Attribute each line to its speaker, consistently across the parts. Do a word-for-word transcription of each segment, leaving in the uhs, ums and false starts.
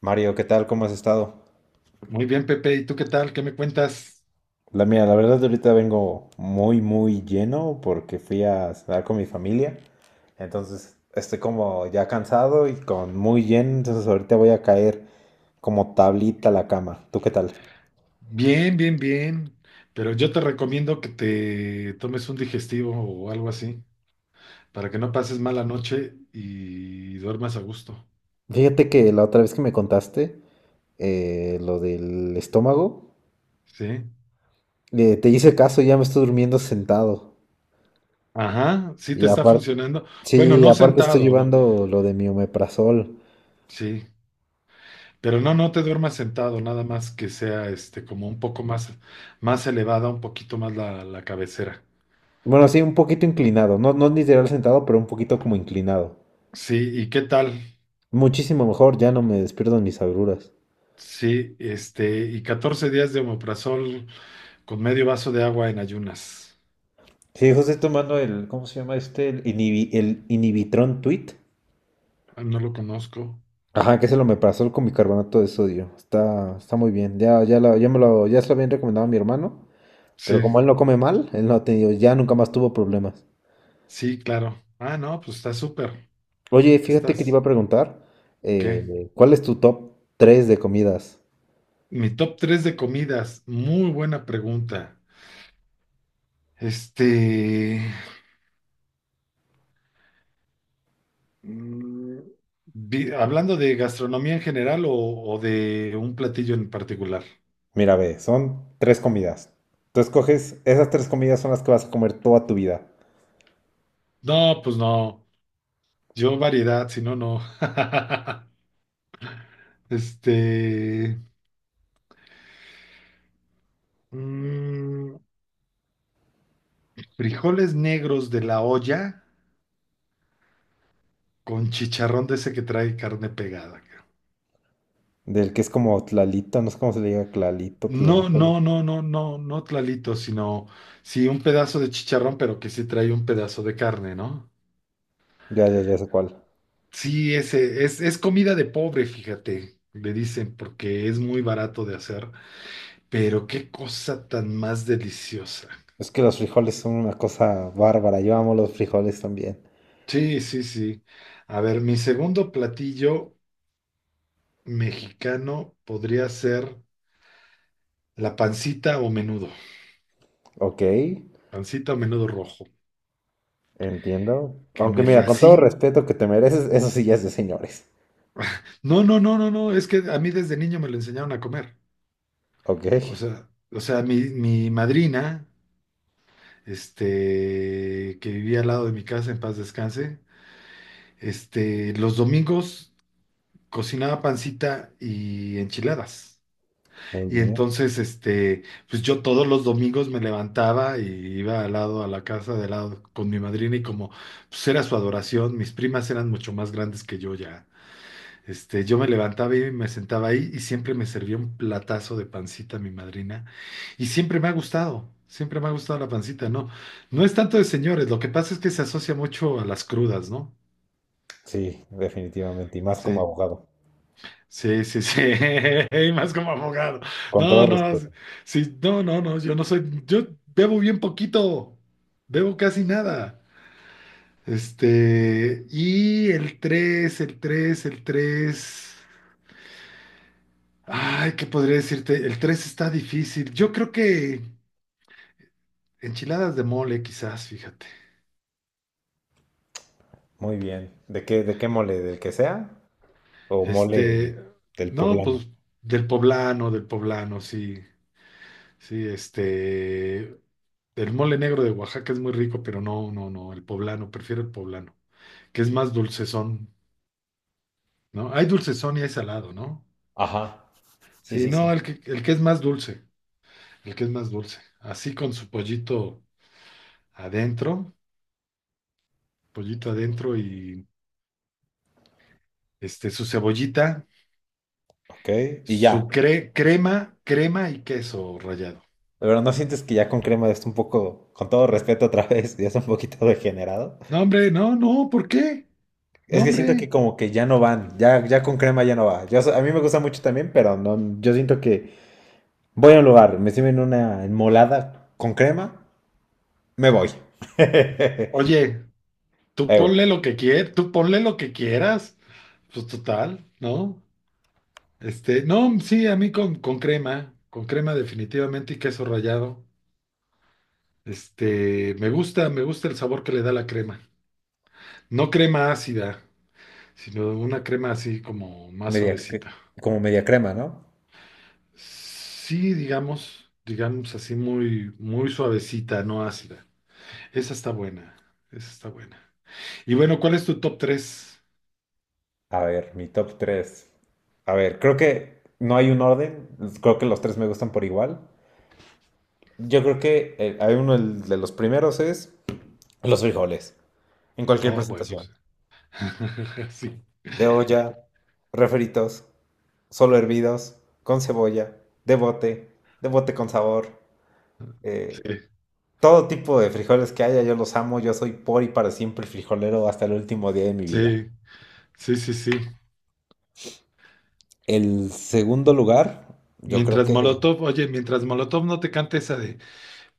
Speaker 1: Mario, ¿qué tal? ¿Cómo has estado?
Speaker 2: Muy bien, Pepe. ¿Y tú qué tal? ¿Qué me cuentas?
Speaker 1: La mía, la verdad ahorita vengo muy, muy lleno porque fui a cenar con mi familia. Entonces estoy como ya cansado y con muy lleno. Entonces ahorita voy a caer como tablita a la cama. ¿Tú qué tal?
Speaker 2: Bien, bien, bien. Pero yo te recomiendo que te tomes un digestivo o algo así para que no pases mala noche y duermas a gusto.
Speaker 1: Fíjate que la otra vez que me contaste eh, lo del estómago,
Speaker 2: ¿Sí?
Speaker 1: eh, te hice caso, ya me estoy durmiendo sentado.
Speaker 2: Ajá, sí
Speaker 1: Y
Speaker 2: te está
Speaker 1: aparte,
Speaker 2: funcionando. Bueno,
Speaker 1: sí,
Speaker 2: no
Speaker 1: aparte estoy
Speaker 2: sentado, no.
Speaker 1: llevando lo de mi omeprazol.
Speaker 2: Sí. Pero no, no te duermas sentado, nada más que sea este como un poco más, más elevada, un poquito más la, la cabecera.
Speaker 1: Bueno, sí, un poquito inclinado. No, no literal sentado, pero un poquito como inclinado.
Speaker 2: Sí, ¿y qué tal?
Speaker 1: Muchísimo mejor, ya no me despierto en mis agruras.
Speaker 2: Sí, este, y catorce días de omeprazol. Con medio vaso de agua en ayunas.
Speaker 1: Sí, José tomando el, ¿cómo se llama este? El, inhibi- el Inhibitron Tweet.
Speaker 2: Ah, no lo conozco.
Speaker 1: Ajá, que se lo me pasó con bicarbonato de sodio. Está, está muy bien. Ya, ya, la- ya me lo, ya se lo habían recomendado a mi hermano.
Speaker 2: Sí,
Speaker 1: Pero como él no come mal, él no ha tenido, ya nunca más tuvo problemas.
Speaker 2: sí, claro. Ah, no, pues está súper.
Speaker 1: Oye, fíjate que te iba
Speaker 2: Estás.
Speaker 1: a preguntar,
Speaker 2: ¿Qué?
Speaker 1: eh, ¿cuál es tu top tres de comidas?
Speaker 2: Mi top tres de comidas. Muy buena pregunta. Este. mm, vi- Hablando de gastronomía en general o, o de un platillo en particular.
Speaker 1: Mira, ve, son tres comidas. Tú escoges, esas tres comidas son las que vas a comer toda tu vida.
Speaker 2: No, pues no. Yo variedad, si no, no. Este. mm, Frijoles negros de la olla con chicharrón de ese que trae carne pegada, creo.
Speaker 1: Del que es como tlalito, no sé cómo se le diga, tlalito,
Speaker 2: No,
Speaker 1: tlalito. ¿No?
Speaker 2: no, no, no, no, no tlalito, sino sí un pedazo de chicharrón, pero que sí trae un pedazo de carne, ¿no?
Speaker 1: Ya, ya, ya sé cuál.
Speaker 2: Sí, ese es, es comida de pobre, fíjate, le dicen, porque es muy barato de hacer, pero qué cosa tan más deliciosa.
Speaker 1: Es que los frijoles son una cosa bárbara. Yo amo los frijoles también.
Speaker 2: Sí, sí, sí. A ver, mi segundo platillo mexicano podría ser la pancita o menudo,
Speaker 1: Ok,
Speaker 2: pancita o menudo rojo,
Speaker 1: entiendo.
Speaker 2: que
Speaker 1: Aunque
Speaker 2: me
Speaker 1: mira, con todo
Speaker 2: fascina.
Speaker 1: respeto que te mereces, eso sí ya es de señores.
Speaker 2: No, no, no, no, no, es que a mí desde niño me lo enseñaron a comer.
Speaker 1: Ok,
Speaker 2: O sea, o sea, mi, mi madrina, este, que vivía al lado de mi casa, en paz descanse, este, los domingos cocinaba pancita y enchiladas.
Speaker 1: muy
Speaker 2: Y
Speaker 1: bien.
Speaker 2: entonces, este, pues yo todos los domingos me levantaba y iba al lado a la casa de lado con mi madrina y como pues era su adoración, mis primas eran mucho más grandes que yo ya. Este, yo me levantaba y me sentaba ahí y siempre me servía un platazo de pancita mi madrina. Y siempre me ha gustado, siempre me ha gustado la pancita, ¿no? No es tanto de señores, lo que pasa es que se asocia mucho a las crudas, ¿no?
Speaker 1: Sí, definitivamente. Y más como
Speaker 2: Sí,
Speaker 1: abogado.
Speaker 2: sí, sí, sí, y más como abogado.
Speaker 1: Con todo
Speaker 2: No, no,
Speaker 1: respeto.
Speaker 2: sí, no, no, no, yo no soy, yo bebo bien poquito, bebo casi nada. Este, y el tres el tres el tres ay, ¿qué podría decirte? El tres está difícil. Yo creo que enchiladas de mole, quizás, fíjate.
Speaker 1: Muy bien. ¿De qué, de qué mole? ¿Del que sea? ¿O mole
Speaker 2: Este,
Speaker 1: del
Speaker 2: no,
Speaker 1: poblano?
Speaker 2: pues del poblano, del poblano, sí. Sí, este, el mole negro de Oaxaca es muy rico, pero no, no, no, el poblano, prefiero el poblano, que es más dulcezón, ¿no? Hay dulcezón y hay salado, ¿no?
Speaker 1: Ajá. Sí,
Speaker 2: Sí,
Speaker 1: sí, sí.
Speaker 2: no, el que, el que es más dulce, el que es más dulce. Así con su pollito adentro, pollito adentro y este, su cebollita.
Speaker 1: Ok. Y ya.
Speaker 2: Su cre- crema, crema y queso rallado.
Speaker 1: De verdad, ¿no sientes que ya con crema ya está un poco, con todo respeto otra vez, ya está un poquito degenerado?
Speaker 2: No, hombre, no, no, ¿por qué?
Speaker 1: Es
Speaker 2: No,
Speaker 1: que siento que
Speaker 2: hombre.
Speaker 1: como que ya no van, ya, ya con crema ya no va. Yo, so- a mí me gusta mucho también, pero no, yo siento que voy a un lugar, me sirven una enmolada con crema, me voy.
Speaker 2: Oye, tú
Speaker 1: Ew.
Speaker 2: ponle lo que quieras, tú ponle lo que quieras. Pues total, ¿no? Este, no, sí, a mí con, con crema, con crema definitivamente y queso rallado. Este, me gusta, me gusta el sabor que le da la crema. No crema ácida, sino una crema así como más
Speaker 1: media, cre-
Speaker 2: suavecita.
Speaker 1: como media crema, ¿no?
Speaker 2: Sí, digamos, digamos así muy, muy suavecita, no ácida. Esa está buena, esa está buena. Y bueno, ¿cuál es tu top tres?
Speaker 1: A ver, mi top tres. A ver, creo que no hay un orden, creo que los tres me gustan por igual. Yo creo que eh, hay uno el de los primeros es los frijoles. En cualquier
Speaker 2: Oh, bueno,
Speaker 1: presentación.
Speaker 2: sí.
Speaker 1: De olla, refritos, solo hervidos, con cebolla, de bote, de bote con sabor.
Speaker 2: Sí,
Speaker 1: eh,
Speaker 2: sí,
Speaker 1: Todo tipo de frijoles que haya, yo los amo. Yo soy por y para siempre frijolero hasta el último día de mi vida.
Speaker 2: sí, sí, sí, sí.
Speaker 1: El segundo lugar, yo creo
Speaker 2: Mientras
Speaker 1: que
Speaker 2: Molotov, oye, mientras Molotov no te cante esa de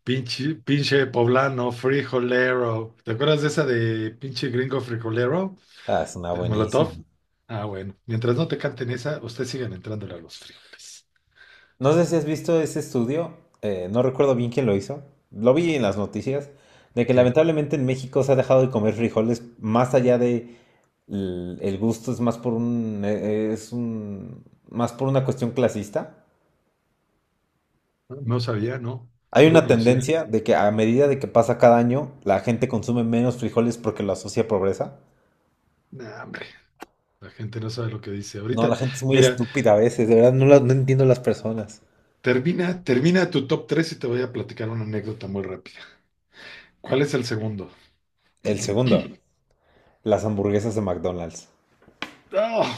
Speaker 2: pinche, pinche poblano, frijolero. ¿Te acuerdas de esa de pinche gringo frijolero
Speaker 1: ah, es una
Speaker 2: de Molotov?
Speaker 1: buenísima.
Speaker 2: Ah, bueno, mientras no te canten esa, ustedes sigan entrándole a los frijoles.
Speaker 1: No sé si has visto ese estudio, eh, no recuerdo bien quién lo hizo, lo vi en las noticias, de que
Speaker 2: Sí,
Speaker 1: lamentablemente en México se ha dejado de comer frijoles más allá de l- el gusto, es más por un, eh, es un, más por una cuestión clasista.
Speaker 2: no no sabía, no,
Speaker 1: Hay
Speaker 2: no lo
Speaker 1: una
Speaker 2: conocía.
Speaker 1: tendencia de que a medida de que pasa cada año, la gente consume menos frijoles porque lo asocia a pobreza.
Speaker 2: Nah, hombre, la gente no sabe lo que dice.
Speaker 1: No,
Speaker 2: Ahorita,
Speaker 1: la gente es muy
Speaker 2: mira,
Speaker 1: estúpida a veces, de verdad no, la- no entiendo las personas.
Speaker 2: Termina, termina tu top tres y te voy a platicar una anécdota muy rápida. ¿Cuál es el segundo?
Speaker 1: El segundo, las hamburguesas de McDonald's.
Speaker 2: ¡Ah!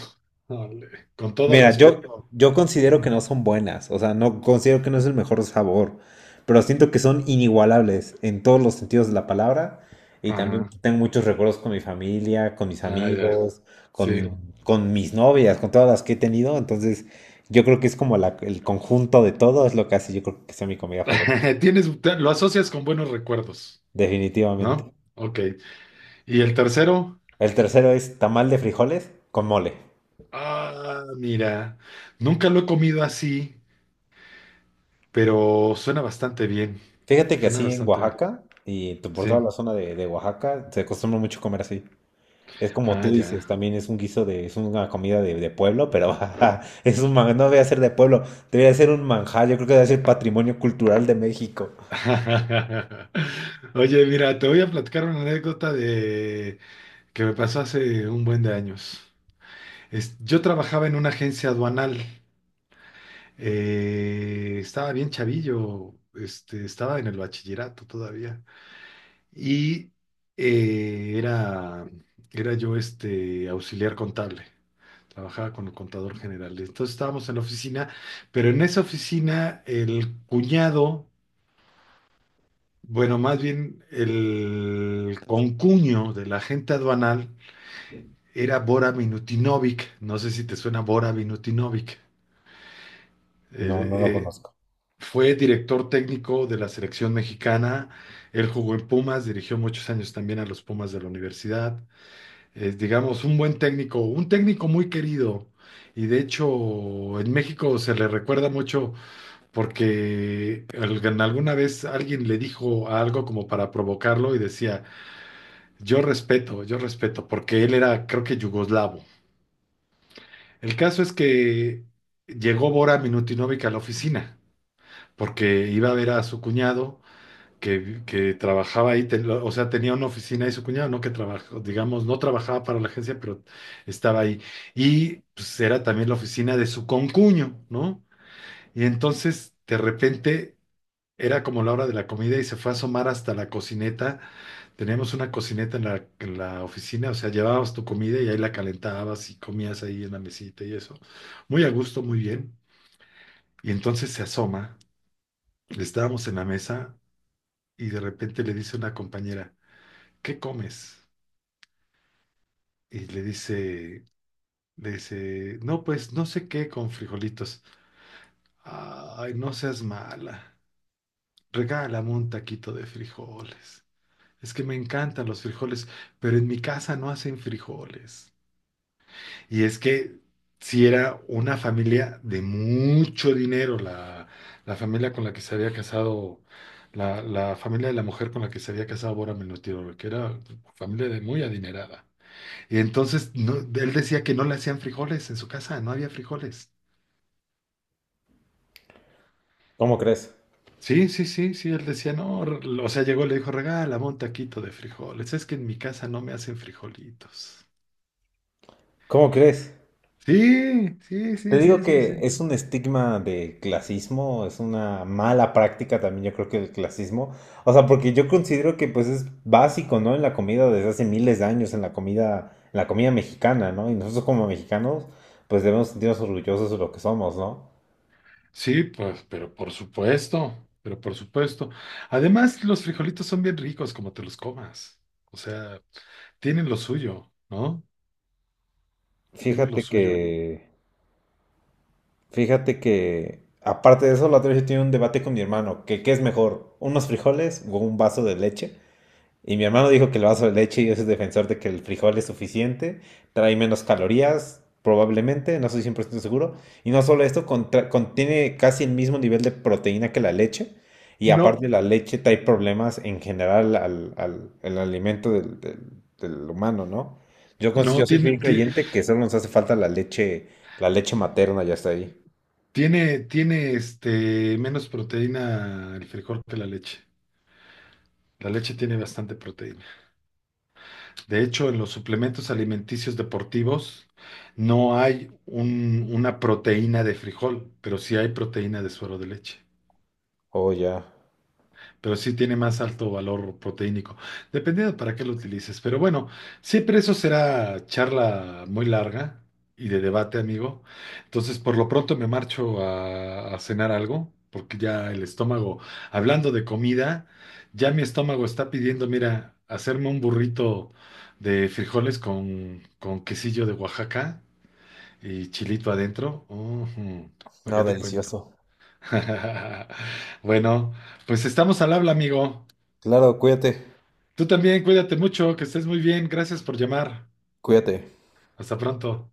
Speaker 2: Ole, con todo
Speaker 1: Mira,
Speaker 2: respeto.
Speaker 1: yo, yo considero que no son buenas, o sea, no considero que no es el mejor sabor, pero siento que son inigualables en todos los sentidos de la palabra y también
Speaker 2: Ajá.
Speaker 1: tengo muchos recuerdos con mi familia, con mis
Speaker 2: Ah, ya.
Speaker 1: amigos,
Speaker 2: Sí.
Speaker 1: con, con mis novias, con todas las que he tenido, entonces yo creo que es como la- el conjunto de todo es lo que hace, yo creo que sea mi comida favorita,
Speaker 2: Tienes, te- lo asocias con buenos recuerdos,
Speaker 1: definitivamente.
Speaker 2: ¿no? Ok. ¿Y el tercero?
Speaker 1: El tercero es tamal de frijoles con mole.
Speaker 2: Ah, mira. Nunca lo he comido así, pero suena bastante bien.
Speaker 1: Fíjate que
Speaker 2: Suena
Speaker 1: así en
Speaker 2: bastante bien.
Speaker 1: Oaxaca y tu- por toda
Speaker 2: Sí.
Speaker 1: la zona de, de Oaxaca se acostumbra mucho comer así. Es como
Speaker 2: Ah,
Speaker 1: tú
Speaker 2: ya.
Speaker 1: dices, también es un guiso de, es una comida de, de pueblo, pero ajá, es un man- no debe ser de pueblo, debería ser un manjar, yo creo que debe ser patrimonio cultural de México.
Speaker 2: Oye, mira, te voy a platicar una anécdota de, que me pasó hace un buen de años. Es- yo trabajaba en una agencia aduanal. Eh, estaba bien chavillo, este, estaba en el bachillerato todavía. Y eh, era, era yo este, auxiliar contable. Trabajaba con el contador general. Entonces estábamos en la oficina, pero en esa oficina el cuñado, bueno, más bien el concuño de la agente aduanal, era Bora Minutinovic, no sé si te suena Bora Minutinovic.
Speaker 1: No,
Speaker 2: Eh,
Speaker 1: no lo
Speaker 2: eh,
Speaker 1: conozco.
Speaker 2: Fue director técnico de la selección mexicana, él jugó en Pumas, dirigió muchos años también a los Pumas de la universidad. Es, digamos, un buen técnico, un técnico muy querido. Y de hecho, en México se le recuerda mucho porque al- alguna vez alguien le dijo algo como para provocarlo y decía, yo respeto, yo respeto, porque él era, creo que yugoslavo. El caso es que llegó Bora Minutinovic a la oficina, porque iba a ver a su cuñado que, que trabajaba ahí, ten- o sea, tenía una oficina y su cuñado no que trabajó, digamos, no trabajaba para la agencia, pero estaba ahí. Y pues era también la oficina de su concuño, ¿no? Y entonces, de repente, era como la hora de la comida y se fue a asomar hasta la cocineta. Teníamos una cocineta en la, en la oficina, o sea, llevabas tu comida y ahí la calentabas y comías ahí en la mesita y eso. Muy a gusto, muy bien. Y entonces se asoma, estábamos en la mesa y de repente le dice una compañera, ¿qué comes? Y le dice, le dice, no, pues no sé qué con frijolitos. Ay, no seas mala. Regálame un taquito de frijoles. Es que me encantan los frijoles, pero en mi casa no hacen frijoles. Y es que si era una familia de mucho dinero, la, la familia con la que se había casado, la, la familia de la mujer con la que se había casado Bora Menotirol, que era familia de muy adinerada. Y entonces no- él decía que no le hacían frijoles en su casa, no había frijoles.
Speaker 1: ¿Cómo crees?
Speaker 2: Sí, sí, sí, sí, él decía, no, re- o sea, llegó y le dijo, regálame un taquito de frijoles, es que en mi casa no me hacen frijolitos.
Speaker 1: ¿Cómo crees?
Speaker 2: Sí, sí,
Speaker 1: Te
Speaker 2: sí,
Speaker 1: digo
Speaker 2: sí, sí,
Speaker 1: que
Speaker 2: sí.
Speaker 1: es un estigma de clasismo, es una mala práctica también, yo creo que el clasismo. O sea, porque yo considero que pues es básico, ¿no? En la comida desde hace miles de años, en la comida, en la comida mexicana, ¿no? Y nosotros como mexicanos, pues debemos sentirnos orgullosos de lo que somos, ¿no?
Speaker 2: Sí, pues, pero por supuesto, pero por supuesto. Además, los frijolitos son bien ricos como te los comas. O sea, tienen lo suyo, ¿no? Tienen
Speaker 1: Fíjate
Speaker 2: lo
Speaker 1: que,
Speaker 2: suyo.
Speaker 1: fíjate que, aparte de eso, la otra vez yo tenía un debate con mi hermano, que qué es mejor, unos frijoles o un vaso de leche. Y mi hermano dijo que el vaso de leche y ese es defensor de que el frijol es suficiente, trae menos calorías, probablemente, no estoy cien por ciento seguro. Y no solo esto, contra- contiene casi el mismo nivel de proteína que la leche. Y
Speaker 2: No.
Speaker 1: aparte la leche trae problemas en general al, al- al alimento del, del- del humano, ¿no? Yo, cons-
Speaker 2: No,
Speaker 1: yo soy
Speaker 2: tiene,
Speaker 1: fiel
Speaker 2: ti-
Speaker 1: creyente que solo nos hace falta la leche, la leche materna, ya está ahí.
Speaker 2: tiene, tiene este, menos proteína el frijol que la leche. La leche tiene bastante proteína. De hecho, en los suplementos alimenticios deportivos no hay un- una proteína de frijol, pero sí hay proteína de suero de leche.
Speaker 1: Oh, ya.
Speaker 2: Pero sí tiene más alto valor proteínico, dependiendo para qué lo utilices. Pero bueno, siempre eso será charla muy larga y de debate, amigo. Entonces, por lo pronto me marcho a, a cenar algo, porque ya el estómago, hablando de comida, ya mi estómago está pidiendo, mira, hacerme un burrito de frijoles con, con quesillo de Oaxaca y chilito adentro. Ujú, ¿para qué
Speaker 1: No,
Speaker 2: te cuento?
Speaker 1: delicioso.
Speaker 2: Bueno, pues estamos al habla, amigo.
Speaker 1: Claro, cuídate,
Speaker 2: Tú también, cuídate mucho, que estés muy bien. Gracias por llamar.
Speaker 1: cuídate.
Speaker 2: Hasta pronto.